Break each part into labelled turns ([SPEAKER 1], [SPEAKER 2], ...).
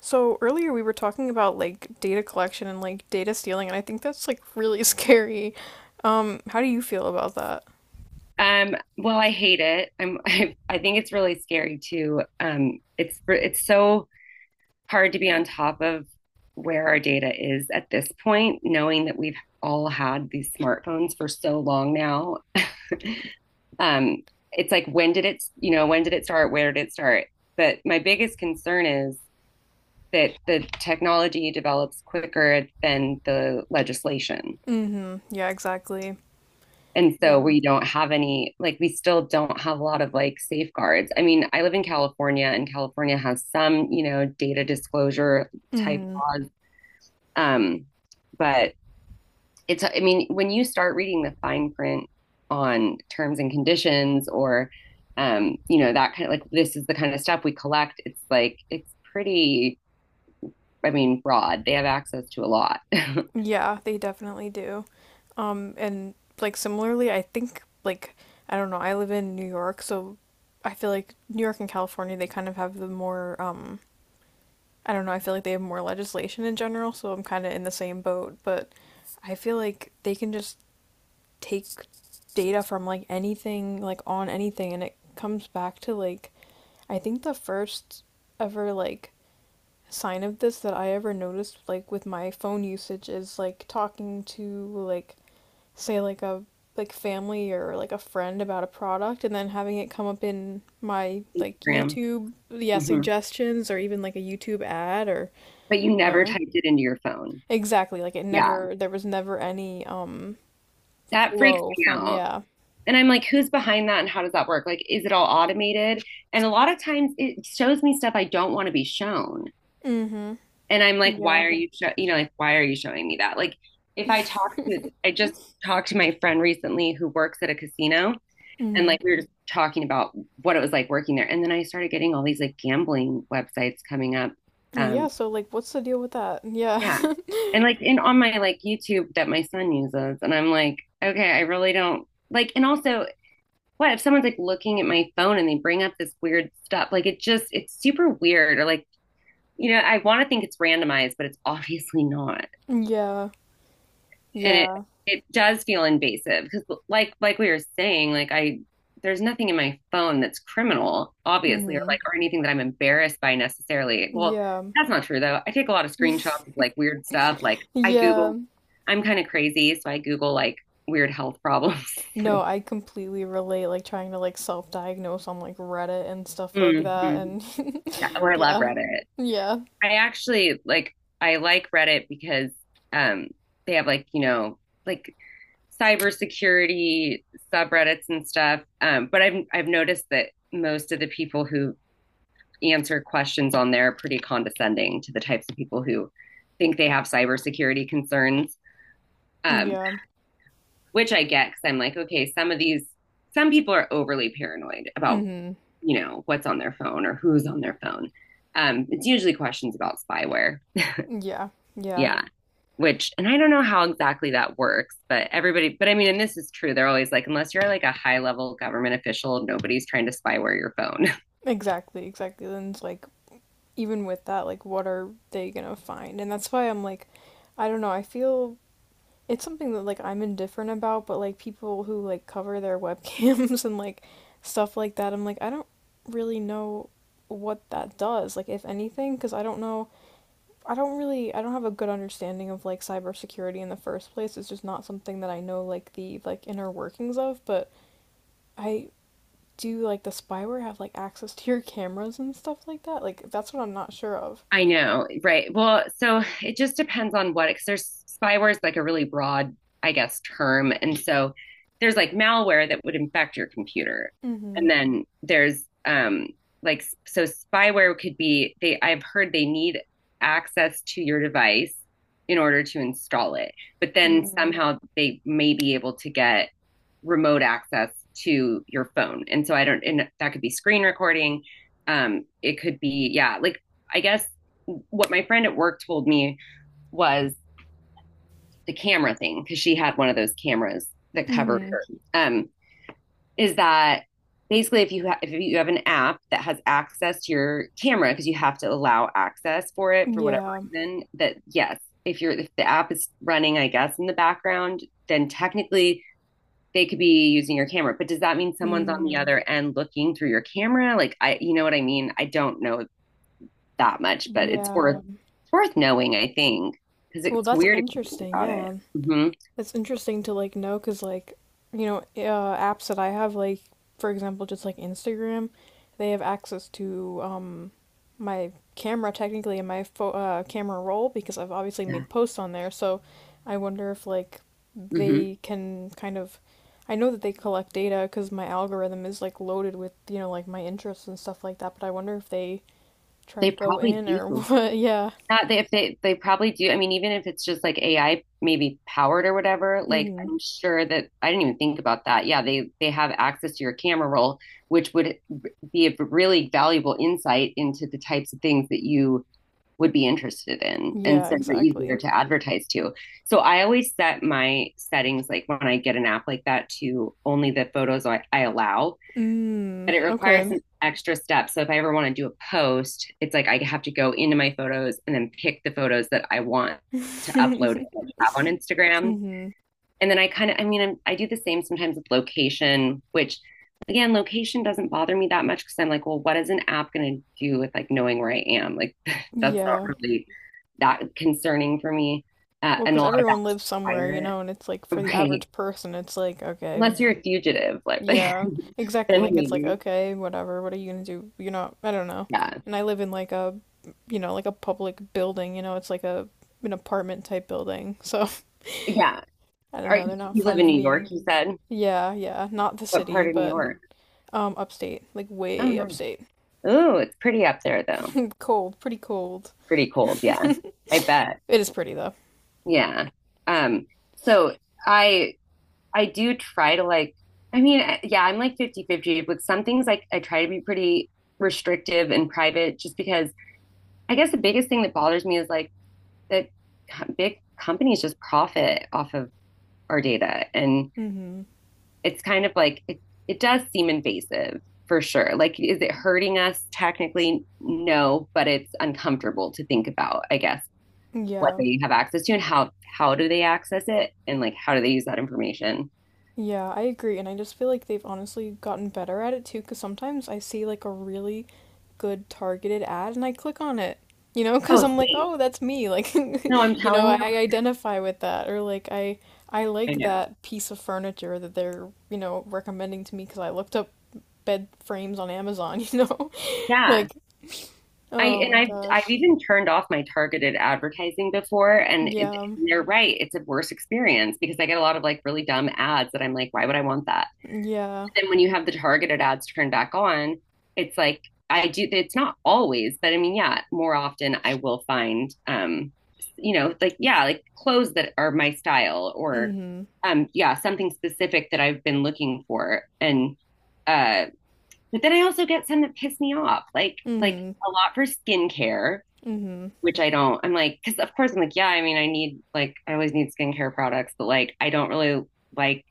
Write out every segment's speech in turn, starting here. [SPEAKER 1] So earlier we were talking about like data collection and like data stealing, and I think that's like really scary. How do you feel about that?
[SPEAKER 2] Well, I hate it. I think it's really scary too. It's so hard to be on top of where our data is at this point, knowing that we've all had these smartphones for so long now. Um, it's like when did it start? Where did it start? But my biggest concern is that the technology develops quicker than the legislation.
[SPEAKER 1] Mm-hmm. Yeah, exactly.
[SPEAKER 2] And
[SPEAKER 1] Yeah.
[SPEAKER 2] so we don't have like, we still don't have a lot of like safeguards. I mean, I live in California, and California has some, data disclosure type
[SPEAKER 1] Mm-hmm.
[SPEAKER 2] laws. Um, but it's, I mean, when you start reading the fine print on terms and conditions or, that kind of like, this is the kind of stuff we collect, it's like, it's pretty, I mean, broad. They have access to a lot.
[SPEAKER 1] Yeah, they definitely do. And like similarly, I think like, I don't know, I live in New York, so I feel like New York and California, they kind of have the more I don't know, I feel like they have more legislation in general, so I'm kind of in the same boat, but I feel like they can just take data from like anything, like on anything, and it comes back to like I think the first ever like sign of this that I ever noticed like with my phone usage is like talking to like say like a like family or like a friend about a product and then having it come up in my like
[SPEAKER 2] Graham.
[SPEAKER 1] YouTube, yeah,
[SPEAKER 2] Mhm.
[SPEAKER 1] suggestions or even like a YouTube ad or
[SPEAKER 2] But you
[SPEAKER 1] you
[SPEAKER 2] never
[SPEAKER 1] know
[SPEAKER 2] typed it into your phone.
[SPEAKER 1] exactly, like it
[SPEAKER 2] Yeah.
[SPEAKER 1] never, there was never any
[SPEAKER 2] That freaks
[SPEAKER 1] flow
[SPEAKER 2] me
[SPEAKER 1] from,
[SPEAKER 2] out.
[SPEAKER 1] yeah.
[SPEAKER 2] And I'm like, who's behind that, and how does that work? Like, is it all automated? And a lot of times it shows me stuff I don't want to be shown.
[SPEAKER 1] Mm-hmm.
[SPEAKER 2] And I'm like,
[SPEAKER 1] Yeah.
[SPEAKER 2] why are you, show- you know, like, why are you showing me that? Like, if I talk to, I just talked to my friend recently who works at a casino, and
[SPEAKER 1] Hmm.
[SPEAKER 2] like we were just talking about what it was like working there. And then I started getting all these like gambling websites coming up. Um,
[SPEAKER 1] Yeah, so like what's the deal with that? Yeah.
[SPEAKER 2] yeah. And like in on my like YouTube that my son uses. And I'm like, okay, I really don't like, and also, what if someone's like looking at my phone and they bring up this weird stuff? Like, it just, it's super weird. Or like, I want to think it's randomized, but it's obviously not.
[SPEAKER 1] Yeah.
[SPEAKER 2] And it
[SPEAKER 1] Yeah.
[SPEAKER 2] it does feel invasive because, like we were saying, like I there's nothing in my phone that's criminal, obviously, or
[SPEAKER 1] Hmm.
[SPEAKER 2] like, or anything that I'm embarrassed by necessarily. Well,
[SPEAKER 1] Yeah.
[SPEAKER 2] that's not true though. I take a lot of screenshots of like weird stuff.
[SPEAKER 1] Yeah.
[SPEAKER 2] I'm kind of crazy, so I Google like weird health problems.
[SPEAKER 1] No,
[SPEAKER 2] Like,
[SPEAKER 1] I completely relate, like trying to like self-diagnose on like Reddit and stuff like
[SPEAKER 2] mm-hmm.
[SPEAKER 1] that and
[SPEAKER 2] Yeah, or I love
[SPEAKER 1] yeah.
[SPEAKER 2] Reddit.
[SPEAKER 1] Yeah.
[SPEAKER 2] I actually like I like Reddit because um they have like, like cybersecurity subreddits and stuff. But I've noticed that most of the people who answer questions on there are pretty condescending to the types of people who think they have cybersecurity concerns. Um,
[SPEAKER 1] Yeah.
[SPEAKER 2] which I get, because I'm like, okay, some of these some people are overly paranoid about,
[SPEAKER 1] Hmm.
[SPEAKER 2] what's on their phone or who's on their phone. It's usually questions about spyware.
[SPEAKER 1] Yeah. Yeah.
[SPEAKER 2] Yeah. which and I don't know how exactly that works, but everybody but I mean, and this is true. They're always like, unless you're like a high level government official, nobody's trying to spyware your phone.
[SPEAKER 1] Exactly, exactly. Then it's like even with that, like what are they gonna find? And that's why I'm like I don't know, I feel it's something that like I'm indifferent about, but like people who like cover their webcams and like stuff like that, I'm like I don't really know what that does, like if anything, because I don't know. I don't really, I don't have a good understanding of like cybersecurity in the first place. It's just not something that I know like the like inner workings of, but I, do like the spyware have like access to your cameras and stuff like that? Like that's what I'm not sure of.
[SPEAKER 2] I know, right. Well, so it just depends on what, because there's spyware is like a really broad, I guess, term. And so there's like malware that would infect your computer.
[SPEAKER 1] Mm-hmm.
[SPEAKER 2] And then there's, like, so spyware could be, they, I've heard they need access to your device in order to install it. But then
[SPEAKER 1] Mm-hmm.
[SPEAKER 2] somehow they may be able to get remote access to your phone. And so, I don't, and that could be screen recording. It could be, yeah, like, I guess what my friend at work told me was the camera thing, because she had one of those cameras that covered
[SPEAKER 1] Mm-hmm.
[SPEAKER 2] her. Um, is that basically, if you have an app that has access to your camera, because you have to allow access for it for whatever
[SPEAKER 1] Yeah.
[SPEAKER 2] reason, that yes, if the app is running, I guess, in the background, then technically they could be using your camera. But does that mean someone's on the
[SPEAKER 1] Mm.
[SPEAKER 2] other end looking through your camera? Like I You know what I mean? I don't know that much, but it's worth
[SPEAKER 1] Yeah.
[SPEAKER 2] it's worth knowing, I think, because
[SPEAKER 1] Well,
[SPEAKER 2] it's
[SPEAKER 1] that's
[SPEAKER 2] weird if you think
[SPEAKER 1] interesting.
[SPEAKER 2] about it.
[SPEAKER 1] Yeah.
[SPEAKER 2] Hmm.
[SPEAKER 1] That's interesting to like know because like, you know, apps that I have like, for example, just like Instagram, they have access to my camera technically and my pho camera roll because I've obviously
[SPEAKER 2] Yeah.
[SPEAKER 1] made posts on there. So I wonder if like
[SPEAKER 2] Hmm.
[SPEAKER 1] they can kind of I know that they collect data because my algorithm is like loaded with, you know, like my interests and stuff like that, but I wonder if they try to
[SPEAKER 2] They
[SPEAKER 1] go
[SPEAKER 2] probably
[SPEAKER 1] in or
[SPEAKER 2] do.
[SPEAKER 1] what. Yeah.
[SPEAKER 2] Not they If they probably do. I mean, even if it's just like AI maybe powered or whatever, like,
[SPEAKER 1] Hmm.
[SPEAKER 2] I'm sure that I didn't even think about that. Yeah, they have access to your camera roll, which would be a really valuable insight into the types of things that you would be interested in, and
[SPEAKER 1] Yeah,
[SPEAKER 2] so they're easier
[SPEAKER 1] exactly.
[SPEAKER 2] to advertise to. So I always set my settings like when I get an app like that to only the photos I allow,
[SPEAKER 1] Mm,
[SPEAKER 2] but it requires
[SPEAKER 1] okay.
[SPEAKER 2] some extra steps. So if I ever want to do a post, it's like I have to go into my photos and then pick the photos that I want to upload and have on Instagram.
[SPEAKER 1] Hmm.
[SPEAKER 2] And then I kind of, I mean, I do the same sometimes with location, which, again, location doesn't bother me that much, because I'm like, well, what is an app going to do with like knowing where I am? Like, that's not
[SPEAKER 1] Yeah.
[SPEAKER 2] really that concerning for me.
[SPEAKER 1] Well,
[SPEAKER 2] And a
[SPEAKER 1] because
[SPEAKER 2] lot of
[SPEAKER 1] everyone
[SPEAKER 2] apps
[SPEAKER 1] lives somewhere,
[SPEAKER 2] require
[SPEAKER 1] you
[SPEAKER 2] it.
[SPEAKER 1] know, and it's like for the
[SPEAKER 2] Right.
[SPEAKER 1] average person, it's like, okay,
[SPEAKER 2] Unless you're a fugitive, like,
[SPEAKER 1] yeah, exactly.
[SPEAKER 2] then
[SPEAKER 1] Like, it's like,
[SPEAKER 2] maybe.
[SPEAKER 1] okay, whatever, what are you gonna do? You're not, I don't know.
[SPEAKER 2] Yeah.
[SPEAKER 1] And I live in like a, you know, like a public building, you know, it's like a, an apartment type building. So,
[SPEAKER 2] Yeah.
[SPEAKER 1] I don't know, they're not
[SPEAKER 2] You live in
[SPEAKER 1] finding
[SPEAKER 2] New
[SPEAKER 1] me.
[SPEAKER 2] York, you said?
[SPEAKER 1] Yeah, yeah, not the
[SPEAKER 2] What
[SPEAKER 1] city,
[SPEAKER 2] part of New
[SPEAKER 1] but
[SPEAKER 2] York?
[SPEAKER 1] upstate, like
[SPEAKER 2] Oh,
[SPEAKER 1] way
[SPEAKER 2] no.
[SPEAKER 1] upstate.
[SPEAKER 2] Oh, it's pretty up there though.
[SPEAKER 1] Cold, pretty cold.
[SPEAKER 2] Pretty cold. Yeah. I bet.
[SPEAKER 1] It is pretty though.
[SPEAKER 2] Yeah. Um, so I I do try to, like, I mean, yeah, I'm like 50 50. 50 with some things, like I try to be pretty restrictive and private, just because I guess the biggest thing that bothers me is like that, big companies just profit off of our data, and
[SPEAKER 1] Hmm.
[SPEAKER 2] it's kind of like, it does seem invasive for sure. Like, is it hurting us? Technically, no, but it's uncomfortable to think about, I guess, what
[SPEAKER 1] Yeah.
[SPEAKER 2] they have access to, and how do they access it, and like how do they use that information.
[SPEAKER 1] Yeah, I agree. And I just feel like they've honestly gotten better at it too, because sometimes I see like a really good targeted ad and I click on it, you know, because
[SPEAKER 2] Oh,
[SPEAKER 1] I'm like,
[SPEAKER 2] same.
[SPEAKER 1] oh, that's me. Like,
[SPEAKER 2] No, I'm
[SPEAKER 1] you know,
[SPEAKER 2] telling
[SPEAKER 1] I
[SPEAKER 2] you.
[SPEAKER 1] identify with that. Or like, I
[SPEAKER 2] I
[SPEAKER 1] like
[SPEAKER 2] know.
[SPEAKER 1] that piece of furniture that they're, you know, recommending to me because I looked up bed frames on Amazon, you know?
[SPEAKER 2] Yeah.
[SPEAKER 1] Like,
[SPEAKER 2] I
[SPEAKER 1] oh
[SPEAKER 2] and
[SPEAKER 1] my
[SPEAKER 2] I've
[SPEAKER 1] gosh.
[SPEAKER 2] even turned off my targeted advertising before, and it,
[SPEAKER 1] Yeah.
[SPEAKER 2] they're right. It's a worse experience, because I get a lot of like really dumb ads that I'm like, why would I want that?
[SPEAKER 1] Yeah.
[SPEAKER 2] Then when you have the targeted ads turned back on, it's like, I do. It's not always, but I mean, yeah, more often I will find, like, yeah, like clothes that are my style, or
[SPEAKER 1] Mm-hmm.
[SPEAKER 2] yeah, something specific that I've been looking for, and uh, but then I also get some that piss me off, like,
[SPEAKER 1] Mm-hmm.
[SPEAKER 2] a lot for skincare,
[SPEAKER 1] Mm-hmm.
[SPEAKER 2] which I don't. I'm like, because, of course, I'm like, yeah, I mean, I need like, I always need skincare products, but like I don't really like,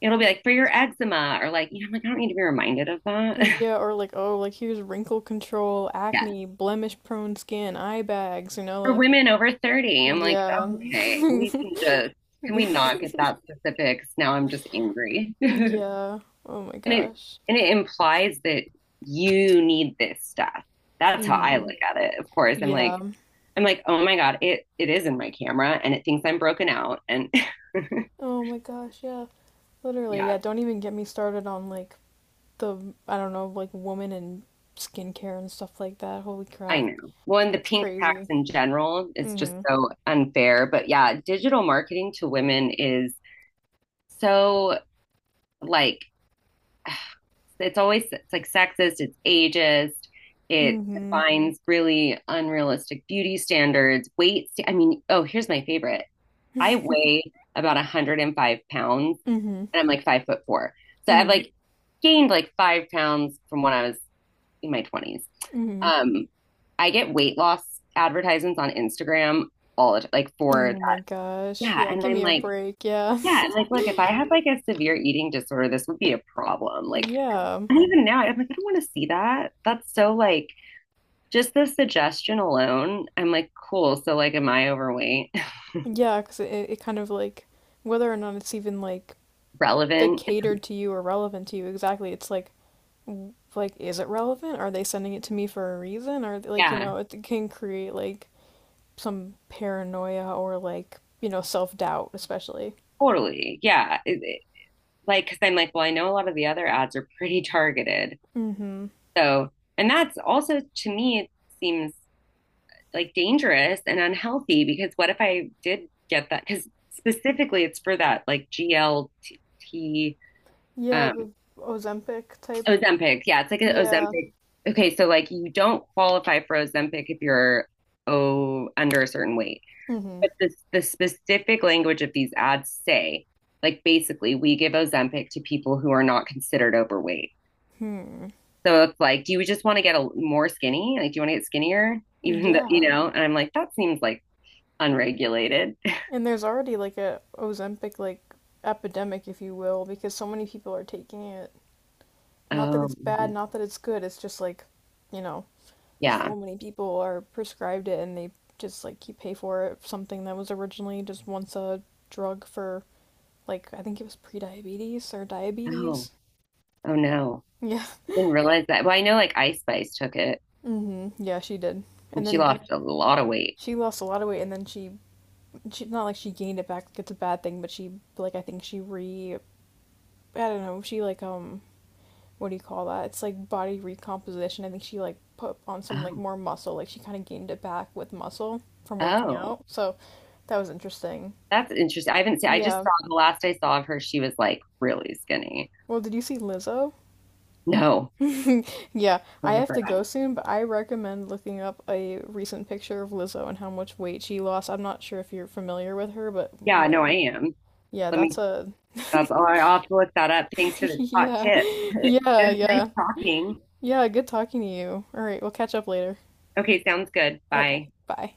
[SPEAKER 2] it'll be like for your eczema, or like, I'm like, I don't need to be reminded of that.
[SPEAKER 1] Yeah, or like, oh, like here's wrinkle control,
[SPEAKER 2] Yeah.
[SPEAKER 1] acne, blemish prone skin, eye bags, you know,
[SPEAKER 2] For
[SPEAKER 1] like,
[SPEAKER 2] women over 30, I'm like,
[SPEAKER 1] yeah.
[SPEAKER 2] okay, can we not get that specifics? Now I'm just angry. And
[SPEAKER 1] Yeah. Oh my
[SPEAKER 2] it,
[SPEAKER 1] gosh.
[SPEAKER 2] it implies that you need this stuff. That's how I
[SPEAKER 1] Hmm.
[SPEAKER 2] look at it. Of course, I'm like,
[SPEAKER 1] Yeah.
[SPEAKER 2] I'm like, oh my God, it is in my camera and it thinks I'm broken out. And
[SPEAKER 1] Oh my gosh, yeah. Literally,
[SPEAKER 2] yeah,
[SPEAKER 1] yeah, don't even get me started on like the, I don't know, like woman and skincare and stuff like that. Holy
[SPEAKER 2] I
[SPEAKER 1] crap.
[SPEAKER 2] know. Well, and the
[SPEAKER 1] That's
[SPEAKER 2] pink tax
[SPEAKER 1] crazy.
[SPEAKER 2] in general is just
[SPEAKER 1] Mm-hmm.
[SPEAKER 2] so unfair. But yeah, digital marketing to women is so, like, it's like sexist, it's ageist, it
[SPEAKER 1] Mm-hmm.
[SPEAKER 2] defines really unrealistic beauty standards, weight. I mean, oh, here's my favorite. I weigh about 105 pounds
[SPEAKER 1] Mm-hmm.
[SPEAKER 2] and I'm like 5 foot four. So I've
[SPEAKER 1] Mm-hmm.
[SPEAKER 2] like gained like 5 pounds from when I was in my 20s.
[SPEAKER 1] Mm-hmm.
[SPEAKER 2] Um, I get weight loss advertisements on Instagram all the time, like for
[SPEAKER 1] Oh my
[SPEAKER 2] that.
[SPEAKER 1] gosh.
[SPEAKER 2] Yeah.
[SPEAKER 1] Yeah,
[SPEAKER 2] And
[SPEAKER 1] give
[SPEAKER 2] I'm
[SPEAKER 1] me a
[SPEAKER 2] like,
[SPEAKER 1] break. Yeah.
[SPEAKER 2] yeah, and like, look, if I had like a severe eating disorder, this would be a problem. Like.
[SPEAKER 1] Yeah.
[SPEAKER 2] And even now, I'm like, I don't want to see that. That's so like just the suggestion alone. I'm like, cool. So like, am I overweight?
[SPEAKER 1] Yeah, because it kind of like whether or not it's even like
[SPEAKER 2] Relevant?
[SPEAKER 1] catered to you or relevant to you exactly, it's like w- like is it relevant? Are they sending it to me for a reason? Or like, you
[SPEAKER 2] Yeah,
[SPEAKER 1] know, it can create like some paranoia or like, you know, self-doubt especially.
[SPEAKER 2] totally. Yeah. Like, because I'm like, well, I know a lot of the other ads are pretty targeted.
[SPEAKER 1] Mm-hmm.
[SPEAKER 2] So, and that's also, to me, it seems like dangerous and unhealthy, because what if I did get that? Because, specifically, it's for that like GLT,
[SPEAKER 1] Yeah,
[SPEAKER 2] um,
[SPEAKER 1] the Ozempic type.
[SPEAKER 2] Ozempic. Yeah, it's like an
[SPEAKER 1] Yeah.
[SPEAKER 2] Ozempic. Okay, so like, you don't qualify for Ozempic if you're, oh, under a certain weight.
[SPEAKER 1] Mm-hmm.
[SPEAKER 2] But the specific language of these ads say, like, basically, we give Ozempic to people who are not considered overweight.
[SPEAKER 1] Hmm.
[SPEAKER 2] So it's like, do you just want to get a more skinny? Like, do you want to get skinnier? Even though, you
[SPEAKER 1] Yeah.
[SPEAKER 2] know, and I'm like, that seems like unregulated.
[SPEAKER 1] And there's already like a Ozempic like epidemic, if you will, because so many people are taking it. Not that
[SPEAKER 2] Oh,
[SPEAKER 1] it's bad,
[SPEAKER 2] really?
[SPEAKER 1] not that it's good. It's just like, you know,
[SPEAKER 2] Yeah.
[SPEAKER 1] so many people are prescribed it and they just like you pay for it, something that was originally just once a drug for like I think it was pre-diabetes or
[SPEAKER 2] Oh,
[SPEAKER 1] diabetes.
[SPEAKER 2] oh no.
[SPEAKER 1] Yeah.
[SPEAKER 2] I didn't realize that. Well, I know like Ice Spice took it,
[SPEAKER 1] Mhm. Yeah, she did. And
[SPEAKER 2] and she
[SPEAKER 1] then
[SPEAKER 2] lost a lot of weight.
[SPEAKER 1] she lost a lot of weight and then she not like she gained it back, like it's a bad thing, but she like I think she re I don't know, she like what do you call that? It's like body recomposition. I think she like put on some like
[SPEAKER 2] Oh.
[SPEAKER 1] more muscle. Like she kind of gained it back with muscle from working
[SPEAKER 2] Oh,
[SPEAKER 1] out. So that was interesting.
[SPEAKER 2] that's interesting. I haven't seen, I just
[SPEAKER 1] Yeah.
[SPEAKER 2] saw, the last I saw of her, she was like really skinny.
[SPEAKER 1] Well, did you see Lizzo?
[SPEAKER 2] No.
[SPEAKER 1] Yeah, I
[SPEAKER 2] Over
[SPEAKER 1] have
[SPEAKER 2] her.
[SPEAKER 1] to go soon, but I recommend looking up a recent picture of Lizzo and how much weight she lost. I'm not sure if you're familiar with her, but
[SPEAKER 2] Yeah, no, I
[SPEAKER 1] man,
[SPEAKER 2] am.
[SPEAKER 1] yeah,
[SPEAKER 2] Let me,
[SPEAKER 1] that's a
[SPEAKER 2] that's all. I'll have to look that up. Thanks for the hot
[SPEAKER 1] yeah.
[SPEAKER 2] tip.
[SPEAKER 1] Yeah,
[SPEAKER 2] It was nice
[SPEAKER 1] yeah.
[SPEAKER 2] talking.
[SPEAKER 1] Yeah, good talking to you. All right, we'll catch up later.
[SPEAKER 2] Okay, sounds good.
[SPEAKER 1] Okay,
[SPEAKER 2] Bye.
[SPEAKER 1] bye.